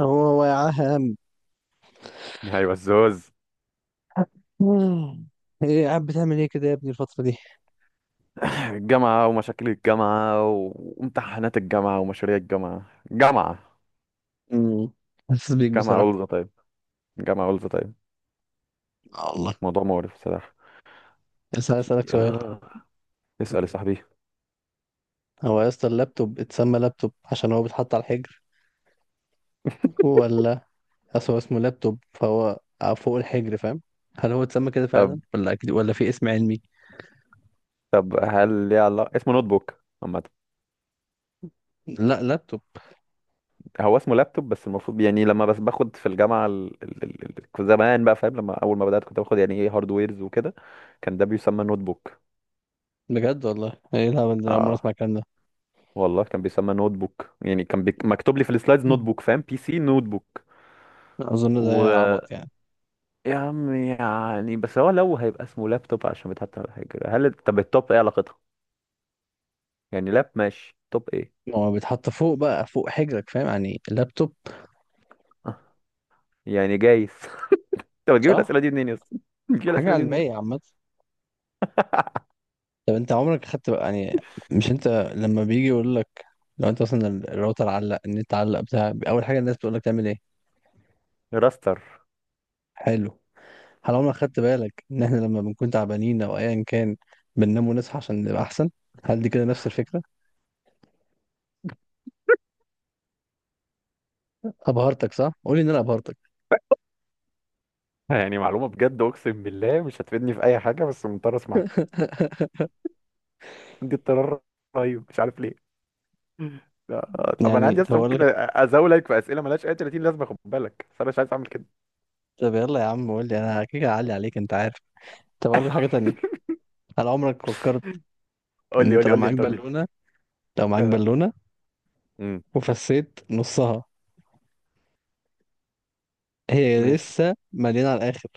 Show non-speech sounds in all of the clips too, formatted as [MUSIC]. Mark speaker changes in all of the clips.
Speaker 1: هو هو يا عم.
Speaker 2: ايوه الزوز.
Speaker 1: [LAUGHS] مم. ايه قاعد بتعمل ايه كده يا ابني الفترة دي؟
Speaker 2: [LAUGHS] الجامعة ومشاكل الجامعة وامتحانات الجامعة ومشاريع الجامعة جامعة
Speaker 1: امم حاسس بيك
Speaker 2: جامعة
Speaker 1: بصراحة.
Speaker 2: أولز طيب. جامعة أولز طيب
Speaker 1: الله.
Speaker 2: موضوع مقرف بصراحة.
Speaker 1: بس عايز اسألك سؤال.
Speaker 2: ياه. اسأل يا صاحبي.
Speaker 1: هو يا اسطى، اللابتوب اتسمى لابتوب عشان هو بيتحط على الحجر، ولا اصل هو اسمه لابتوب فهو فوق الحجر، فاهم؟ هل هو اتسمى كده
Speaker 2: طب
Speaker 1: فعلا، ولا أكيد، ولا في اسم علمي؟
Speaker 2: طب هل ليه علاقة اسمه نوت بوك عامة؟
Speaker 1: لا، لابتوب.
Speaker 2: هو اسمه لابتوب، بس المفروض يعني لما باخد في الجامعة كنت زمان بقى فاهم، لما أول ما بدأت كنت باخد يعني ايه هاردويرز وكده، كان ده بيسمى نوت بوك.
Speaker 1: بجد والله، ايه الهبل ده؟ أنا أول مرة أسمع
Speaker 2: اه
Speaker 1: الكلام ده.
Speaker 2: والله كان بيسمى نوت بوك، يعني مكتوب لي في السلايدز نوت
Speaker 1: مم.
Speaker 2: بوك، فاهم، بي سي نوت بوك.
Speaker 1: أظن
Speaker 2: و
Speaker 1: ده عبط يعني.
Speaker 2: يا عم يعني بس هو لو هيبقى اسمه لابتوب عشان بيتحط على حاجة، هل طب التوب ايه علاقتها؟ يعني لاب ماشي، توب ايه؟
Speaker 1: ما هو بيتحط فوق بقى، فوق حجرك، فاهم؟ يعني لابتوب،
Speaker 2: آه، يعني جايز. [LAUGHS] طب تجيب
Speaker 1: صح؟
Speaker 2: الأسئلة دي منين يا اسطى؟ بتجيب
Speaker 1: حاجة
Speaker 2: الأسئلة دي منين؟
Speaker 1: علمية عامة. طب انت عمرك خدت بقى يعني، مش انت لما بيجي يقول لك، لو انت مثلا الراوتر علق، النت علق بتاع، اول حاجه الناس بتقول لك تعمل ايه؟
Speaker 2: راستر.
Speaker 1: حلو. هل عمرك خدت بالك ان احنا لما بنكون تعبانين او ايا كان بننام ونصحى عشان نبقى احسن؟ هل دي كده نفس الفكره؟ ابهرتك صح، قول لي ان انا ابهرتك.
Speaker 2: يعني معلومة بجد أقسم بالله مش هتفيدني في أي حاجة، بس مضطر أسمعها، عندي اضطرار رهيب مش عارف ليه. لا، طب أنا
Speaker 1: يعني
Speaker 2: عندي
Speaker 1: طب
Speaker 2: أصلا
Speaker 1: اقول
Speaker 2: ممكن
Speaker 1: لك،
Speaker 2: أزاولك في أسئلة ملهاش أي 30 لازمة، خد بالك، بس أنا مش عايز أعمل كده.
Speaker 1: طب يلا يا عم قول لي، انا كده اعلي عليك، انت عارف. طب اقول لك حاجه تانية. هل عمرك فكرت ان
Speaker 2: قول لي قول
Speaker 1: انت
Speaker 2: لي
Speaker 1: لو
Speaker 2: قول لي
Speaker 1: معاك
Speaker 2: أنت، قول لي أنت.
Speaker 1: بالونه، لو معاك
Speaker 2: آه.
Speaker 1: بالونه
Speaker 2: امم
Speaker 1: وفسيت نصها، هي
Speaker 2: ماشي.
Speaker 1: لسه مليانه على الاخر،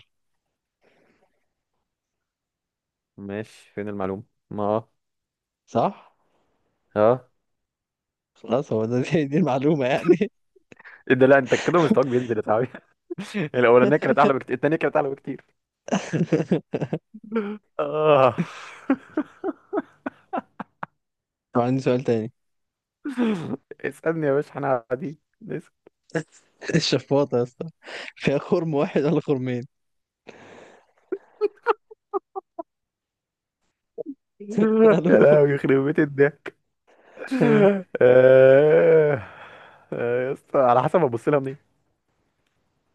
Speaker 2: ماشي فين المعلومة؟ ما
Speaker 1: صح؟
Speaker 2: اه.
Speaker 1: خلاص هو ده. [LAUGHS] دي المعلومة يعني.
Speaker 2: ايه ده، لا انت كده مستواك بينزل يا صاحبي. [LAUGHS] الاولانيه كانت اعلى بكتير، التانيه كانت اعلى بكتير.
Speaker 1: [LAUGHS]
Speaker 2: اه.
Speaker 1: طب عندي سؤال تاني.
Speaker 2: [LAUGHS] اسالني يا باشا احنا قاعدين، اسأل.
Speaker 1: [LAUGHS] الشفاطة يا اسطى، فيها خرم واحد ولا خرمين؟ [LAUGHS]
Speaker 2: [LAUGHS] يا
Speaker 1: قالوا
Speaker 2: لهوي يخرب بيت الضحك.
Speaker 1: آه.
Speaker 2: آه، آه، يا اسطى على حسب ابص لها منين.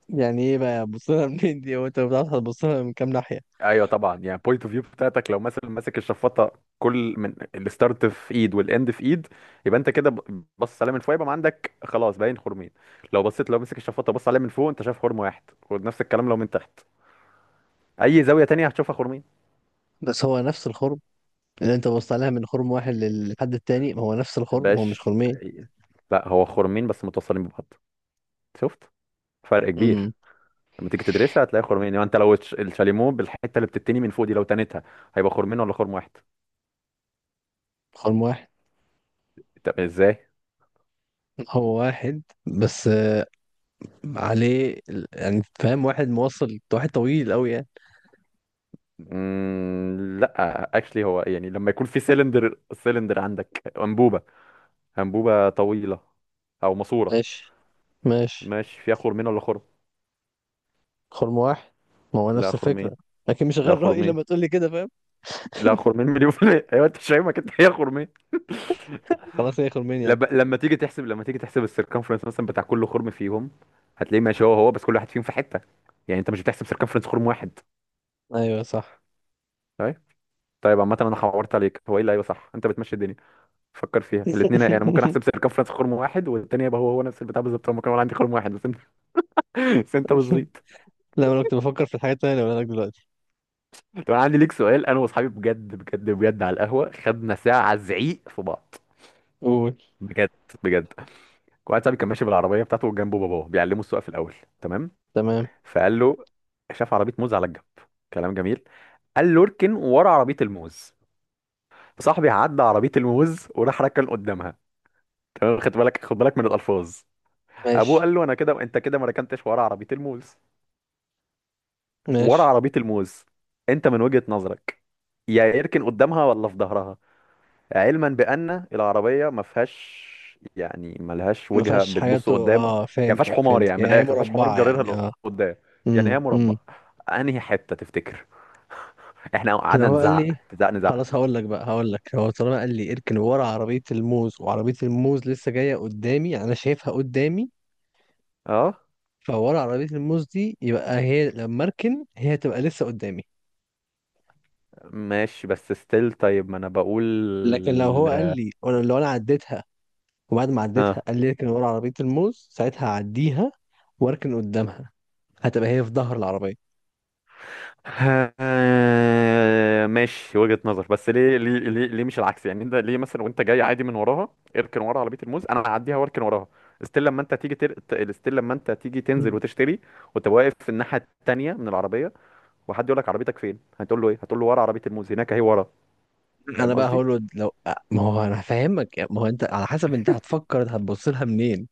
Speaker 1: يعني ايه بقى بص لها منين دي؟ هو انت بتعرف هتبص لها من كام ناحية؟
Speaker 2: ايوه طبعا، يعني بوينت اوف فيو بتاعتك، لو مثلا ماسك الشفاطه كل من الستارت في ايد والاند في ايد، يبقى انت كده بص عليها من فوق يبقى ما عندك خلاص باين خرمين. لو بصيت، لو مسك الشفاطه بص عليها من فوق، انت شايف خرم واحد، ونفس الكلام لو من تحت. اي زاويه تانية هتشوفها خرمين.
Speaker 1: بس هو نفس الخرم، اللي انت بصت عليها من خرم واحد للحد التاني هو نفس الخرم، هو مش
Speaker 2: باش.
Speaker 1: خرمين.
Speaker 2: لا هو خرمين بس متصلين ببعض، شفت فرق
Speaker 1: امم
Speaker 2: كبير. لما تيجي تدرسها هتلاقي خرمين، يعني انت لو الشاليمو بالحته اللي بتتني من فوق دي لو تنتها، هيبقى خرمين ولا خرم واحد؟
Speaker 1: خرم واحد.
Speaker 2: طب ازاي؟
Speaker 1: هو واحد بس عليه يعني فاهم، واحد موصل واحد طويل قوي يعني.
Speaker 2: لا اكشلي، هو يعني لما يكون في سيلندر عندك انبوبه، انبوبه طويله او ماسوره،
Speaker 1: ماشي ماشي.
Speaker 2: ماشي، فيها خرمين ولا خرم؟
Speaker 1: خرم واحد، ما هو
Speaker 2: لا
Speaker 1: نفس
Speaker 2: خرمين.
Speaker 1: الفكرة. لكن مش
Speaker 2: لا
Speaker 1: غير رأيي
Speaker 2: خرمين
Speaker 1: لما تقول لي كده، فاهم.
Speaker 2: لا خرمين مليون في المية، ايوه انت مش فاهمك انت، هي خرمين.
Speaker 1: خلاص هي خرمين يعني.
Speaker 2: لما تيجي تحسب السيركمفرنس مثلا بتاع كل خرم فيهم، هتلاقيه ماشي هو هو، بس كل واحد فيهم في حته، يعني انت مش بتحسب سيركمفرنس خرم واحد.
Speaker 1: ايوه صح.
Speaker 2: طيب طيب عامه انا حورت عليك، هو ايه اللي ايوه صح، انت بتمشي الدنيا فكر فيها الاثنين.
Speaker 1: [LAUGHS]
Speaker 2: انا ممكن احسب سيركمفرنس خرم واحد والتاني يبقى هو هو نفس البتاع بالظبط، هو ممكن اقول عندي خرم واحد، بس انت [LAUGHS] بس انت بتزيط.
Speaker 1: لا، انا كنت بفكر في الحاجات التانية اللي بقولها لك دلوقتي.
Speaker 2: طب انا عندي ليك سؤال، انا واصحابي بجد بجد بجد على القهوه خدنا ساعه زعيق في بعض.
Speaker 1: قول.
Speaker 2: بجد بجد. واحد صاحبي كان ماشي بالعربيه بتاعته وجنبه باباه بيعلمه السواقه في الاول، تمام؟
Speaker 1: تمام.
Speaker 2: فقال له، شاف عربيه موز على الجنب، كلام جميل، قال له اركن ورا عربيه الموز. فصاحبي عدى عربيه الموز وراح ركن قدامها. تمام، خد بالك من الالفاظ. ابوه
Speaker 1: ماشي
Speaker 2: قال له انا كده انت كده ما ركنتش ورا عربيه الموز، ورا
Speaker 1: ماشي.
Speaker 2: عربيه الموز. انت من وجهه نظرك يا يركن قدامها ولا في ظهرها؟ علما بان العربيه ما فيهاش، يعني ما لهاش
Speaker 1: ما
Speaker 2: وجهه
Speaker 1: فيهاش حاجات
Speaker 2: بتبص قدام يعني، ما فيهاش
Speaker 1: فهمتك
Speaker 2: حمار،
Speaker 1: فهمتك
Speaker 2: يعني من
Speaker 1: يعني، هي
Speaker 2: الاخر ما فيهاش حمار
Speaker 1: مربعة يعني،
Speaker 2: بجررها
Speaker 1: اه.
Speaker 2: لقدام، يعني
Speaker 1: امم
Speaker 2: هي مربع.
Speaker 1: امم
Speaker 2: انهي حته تفتكر؟ احنا
Speaker 1: لو
Speaker 2: قعدنا
Speaker 1: هو قال لي،
Speaker 2: نزعق.
Speaker 1: خلاص هقول لك بقى، هقول لك، هو طالما قال لي اركن ورا عربية الموز، وعربية الموز لسه جاية قدامي يعني انا شايفها قدامي،
Speaker 2: اه
Speaker 1: فورا عربية الموز دي يبقى هي لما اركن، هي تبقى لسه قدامي.
Speaker 2: ماشي بس ستيل، طيب ما انا بقول.
Speaker 1: لكن لو هو قال لي، وانا لو انا عديتها، وبعد ما عديتها
Speaker 2: اه.
Speaker 1: قال لي اركن ورا عربية الموز، ساعتها هعديها واركن قدامها، هتبقى هي في ظهر العربية.
Speaker 2: [LAUGHS] آه، ماشي وجهة نظر، بس ليه مش العكس؟ يعني انت ليه مثلا وانت جاي عادي من وراها، اركن ورا عربية الموز، انا هعديها واركن وراها. ستيل لما انت ستيل لما انت تيجي تنزل
Speaker 1: مم.
Speaker 2: وتشتري وتبقى واقف في الناحية التانية من العربية، وحد يقول لك عربيتك فين، هتقول له ايه؟ هتقول له ورا عربية الموز هناك اهي ورا، فاهم
Speaker 1: انا بقى
Speaker 2: قصدي؟
Speaker 1: هقول له، لو ما هو انا هفهمك يعني، ما هو انت على حسب انت هتفكر، انت هتبص لها منين.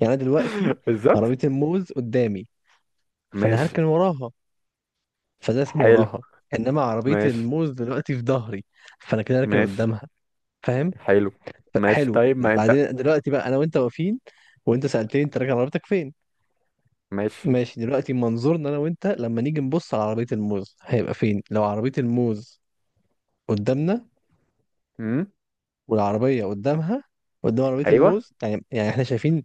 Speaker 1: يعني انا دلوقتي
Speaker 2: [LAUGHS] بالظبط.
Speaker 1: عربية الموز قدامي، فانا
Speaker 2: ماشي.
Speaker 1: هركن وراها، فده اسمه
Speaker 2: حلو.
Speaker 1: وراها. انما عربية
Speaker 2: ماشي.
Speaker 1: الموز دلوقتي في ظهري، فانا كده هركن
Speaker 2: ماشي.
Speaker 1: قدامها، فاهم؟
Speaker 2: حلو. ماشي
Speaker 1: حلو.
Speaker 2: طيب ما انت.
Speaker 1: بعدين دلوقتي بقى انا وانت واقفين، وانت سألتني انت راكن عربيتك فين.
Speaker 2: ماشي.
Speaker 1: ماشي، دلوقتي منظورنا انا وانت لما نيجي نبص على عربية الموز، هيبقى فين؟ لو عربية الموز قدامنا
Speaker 2: امم.
Speaker 1: والعربية قدامها، قدام عربية
Speaker 2: ايوه.
Speaker 1: الموز، يعني احنا شايفين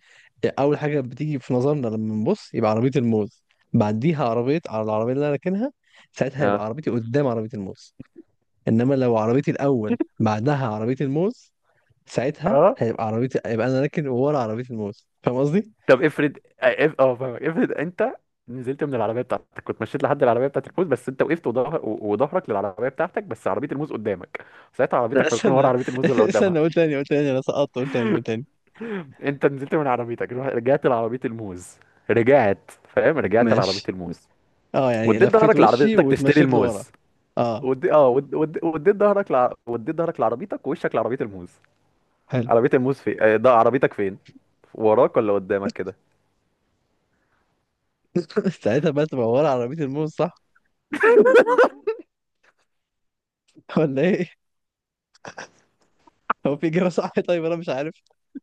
Speaker 1: اول حاجة بتيجي في نظرنا لما نبص يبقى عربية الموز، بعديها عربية على العربية اللي انا راكنها، ساعتها يبقى
Speaker 2: اه.
Speaker 1: عربيتي قدام عربية الموز. انما لو عربيتي الاول
Speaker 2: [LAUGHS]
Speaker 1: بعدها عربية الموز، ساعتها
Speaker 2: اه
Speaker 1: هيبقى عربيتي، يبقى انا راكن ورا عربية الموز. فاهم قصدي؟
Speaker 2: طب افرض، آه، اه فاهمك، افرض انت نزلت من العربيه بتاعتك، كنت مشيت لحد العربيه بتاعت الموز، بس انت وقفت وظهرك للعربيه بتاعتك، بس عربيه الموز قدامك، ساعتها
Speaker 1: لا
Speaker 2: عربيتك هتكون ورا
Speaker 1: استنى.
Speaker 2: عربيه الموز ولا
Speaker 1: [LAUGHS]
Speaker 2: قدامها؟
Speaker 1: استنى، قول تاني قول تاني، انا سقطت، قول تاني قول تاني.
Speaker 2: انت نزلت من عربيتك، رجعت لعربيه الموز، رجعت فاهم، رجعت لعربيه
Speaker 1: ماشي.
Speaker 2: الموز،
Speaker 1: اه يعني
Speaker 2: وديت
Speaker 1: لفيت
Speaker 2: ظهرك
Speaker 1: وشي
Speaker 2: لعربيتك تشتري
Speaker 1: واتمشيت لورا.
Speaker 2: الموز.
Speaker 1: اه،
Speaker 2: وديت ظهرك لعربيتك ووشك لعربيه الموز،
Speaker 1: حلو.
Speaker 2: عربية الموز فين؟ ده عربيتك فين، وراك ولا قدامك كده؟
Speaker 1: [LAUGHS] ساعتها بقى تبقى ورا عربية الموز، صح؟ [LAUGHS] ولا ايه؟ هو في إجابة صح؟ [LAUGHS] طيب انا مش عارف.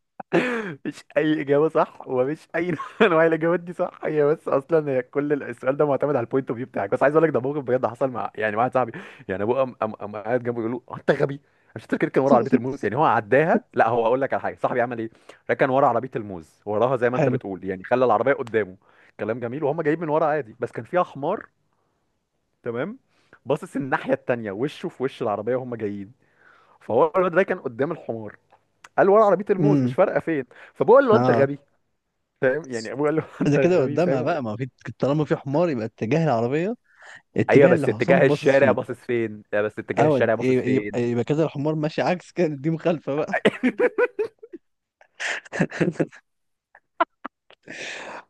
Speaker 2: [LAUGHS] مفيش اي اجابه صح، ومفيش اي [LAUGHS] نوع من انواع الاجابات دي صح، هي بس اصلا هي كل السؤال ده معتمد على البوينت اوف فيو بتاعك. بس عايز اقول لك ده موقف بجد حصل مع مع واحد صاحبي، يعني ابوه قام قام قام قاعد جنبه يقول له "هو انت غبي، مش تركن كان ورا عربيه
Speaker 1: [LAUGHS]
Speaker 2: الموز، يعني هو عداها. لا هو اقول لك على حاجه، صاحبي عمل ايه، ركن ورا عربيه الموز وراها زي ما انت
Speaker 1: حلو.
Speaker 2: بتقول، يعني خلى العربيه قدامه، كلام جميل، وهم جايين من ورا عادي، بس كان فيها حمار، تمام، باصص الناحيه التانيه، وشه في وش العربيه وهم جايين، فهو الواد ده كان قدام الحمار، قال ورا عربيه الموز مش
Speaker 1: امم
Speaker 2: فارقه فين، فبقول له انت
Speaker 1: اه،
Speaker 2: غبي، فاهم، يعني ابوه قال له
Speaker 1: ده
Speaker 2: انت
Speaker 1: كده
Speaker 2: غبي،
Speaker 1: قدامها
Speaker 2: فاهم.
Speaker 1: بقى، ما هو في، طالما في حمار يبقى اتجاه العربية،
Speaker 2: ايوه
Speaker 1: اتجاه اللي
Speaker 2: بس
Speaker 1: حسام
Speaker 2: اتجاه
Speaker 1: باصص
Speaker 2: الشارع
Speaker 1: فيه.
Speaker 2: باصص فين، لا بس اتجاه
Speaker 1: او
Speaker 2: الشارع باصص
Speaker 1: يبقى
Speaker 2: فين
Speaker 1: يبقى كده الحمار ماشي عكس، كده دي مخالفة بقى. [LAUGHS]
Speaker 2: [LAUGHS]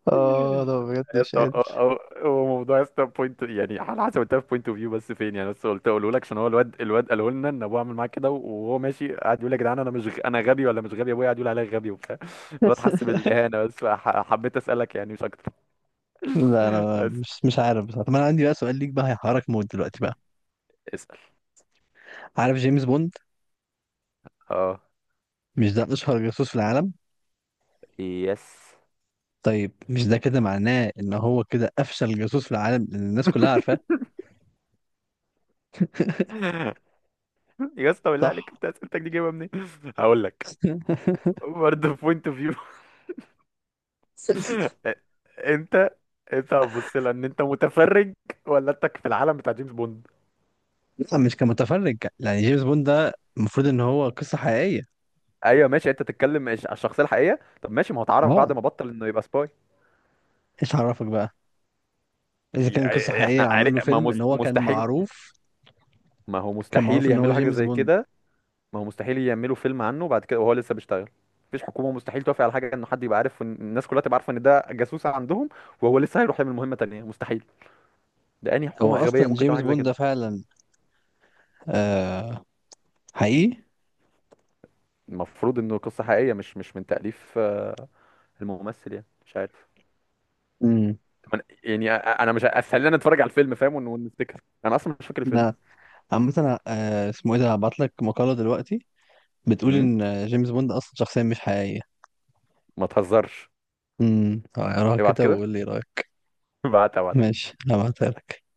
Speaker 1: اه ده بجد
Speaker 2: يا
Speaker 1: مش
Speaker 2: اسطى
Speaker 1: قادر.
Speaker 2: هو موضوع يا اسطى بوينت، يعني على حسب انت في بوينت اوف فيو بس فين، يعني بس قلت اقوله لك عشان هو الواد قاله لنا ان ابوه عامل معاه كده، وهو ماشي قاعد يقول يا جدعان انا مش غ- انا غبي ولا مش غبي؟ ابويا قاعد يقول عليا غبي وبتاع، الواد حس
Speaker 1: [LAUGHS]
Speaker 2: بالاهانه، بس حبيت اسالك يعني مش اكتر.
Speaker 1: لا
Speaker 2: [LAUGHS]
Speaker 1: انا
Speaker 2: بس.
Speaker 1: مش عارف بصراحة. طب انا عندي بقى سؤال ليك بقى، هيحرك موت دلوقتي بقى.
Speaker 2: اسال.
Speaker 1: عارف جيمس بوند؟
Speaker 2: اه.
Speaker 1: مش ده اشهر جاسوس في العالم؟
Speaker 2: يس.
Speaker 1: طيب مش ده كده معناه ان هو كده افشل جاسوس في العالم لان الناس كلها عارفاه؟
Speaker 2: [LAUGHS] يا اسطى بالله
Speaker 1: صح؟
Speaker 2: عليك انت اسئلتك دي جايبها منين؟ [LAUGHS] هقول لك،
Speaker 1: [LAUGHS]
Speaker 2: برضه بوينت اوف فيو. [LAUGHS] انت، انت هتبص لها ان انت متفرج ولا انت في العالم بتاع جيمس بوند؟
Speaker 1: لا، مش كمتفرج. يعني جيمس بوند ده المفروض ان هو قصة حقيقية.
Speaker 2: ايوه ماشي انت تتكلم على الشخصيه الحقيقيه. طب ماشي ما هو اتعرف بعد
Speaker 1: اه.
Speaker 2: ما بطل انه يبقى سباي،
Speaker 1: ايش عرفك بقى؟ اذا كان قصة
Speaker 2: يعني احنا
Speaker 1: حقيقية عملوا
Speaker 2: عارف
Speaker 1: له
Speaker 2: ما
Speaker 1: فيلم ان
Speaker 2: مست-
Speaker 1: هو كان
Speaker 2: مستحيل،
Speaker 1: معروف؟
Speaker 2: ما هو
Speaker 1: كان
Speaker 2: مستحيل
Speaker 1: معروف ان هو
Speaker 2: يعملوا حاجه
Speaker 1: جيمس
Speaker 2: زي
Speaker 1: بوند.
Speaker 2: كده، ما هو مستحيل يعملوا فيلم عنه بعد كده وهو لسه بيشتغل، مفيش حكومه، مستحيل توافق على حاجه انه حد يبقى عارف الناس كلها تبقى عارفه ان ده جاسوس عندهم وهو لسه هيروح يعمل مهمه تانية، مستحيل، ده انهي
Speaker 1: هو
Speaker 2: حكومه غبيه
Speaker 1: اصلا
Speaker 2: ممكن تعمل
Speaker 1: جيمس
Speaker 2: حاجه زي
Speaker 1: بوند
Speaker 2: كده؟
Speaker 1: ده فعلا آه حقيقي.
Speaker 2: المفروض انه قصه حقيقيه مش من تاليف آه، الممثل، يعني مش عارف.
Speaker 1: امم
Speaker 2: طب انا مش ه- خلينا نتفرج على الفيلم فاهم ونفتكر، انا اصلا مش فاكر الفيلم.
Speaker 1: ده عامة، اسمه ايه ده، هبعت لك مقالة دلوقتي بتقول
Speaker 2: امم.
Speaker 1: ان جيمس بوند اصلا شخصية مش حقيقية.
Speaker 2: ما تهزرش.
Speaker 1: اقراها
Speaker 2: ابعت
Speaker 1: كده
Speaker 2: كده.
Speaker 1: وقول لي رأيك.
Speaker 2: [LAUGHS] ابعت.
Speaker 1: ماشي، هبعتها لك.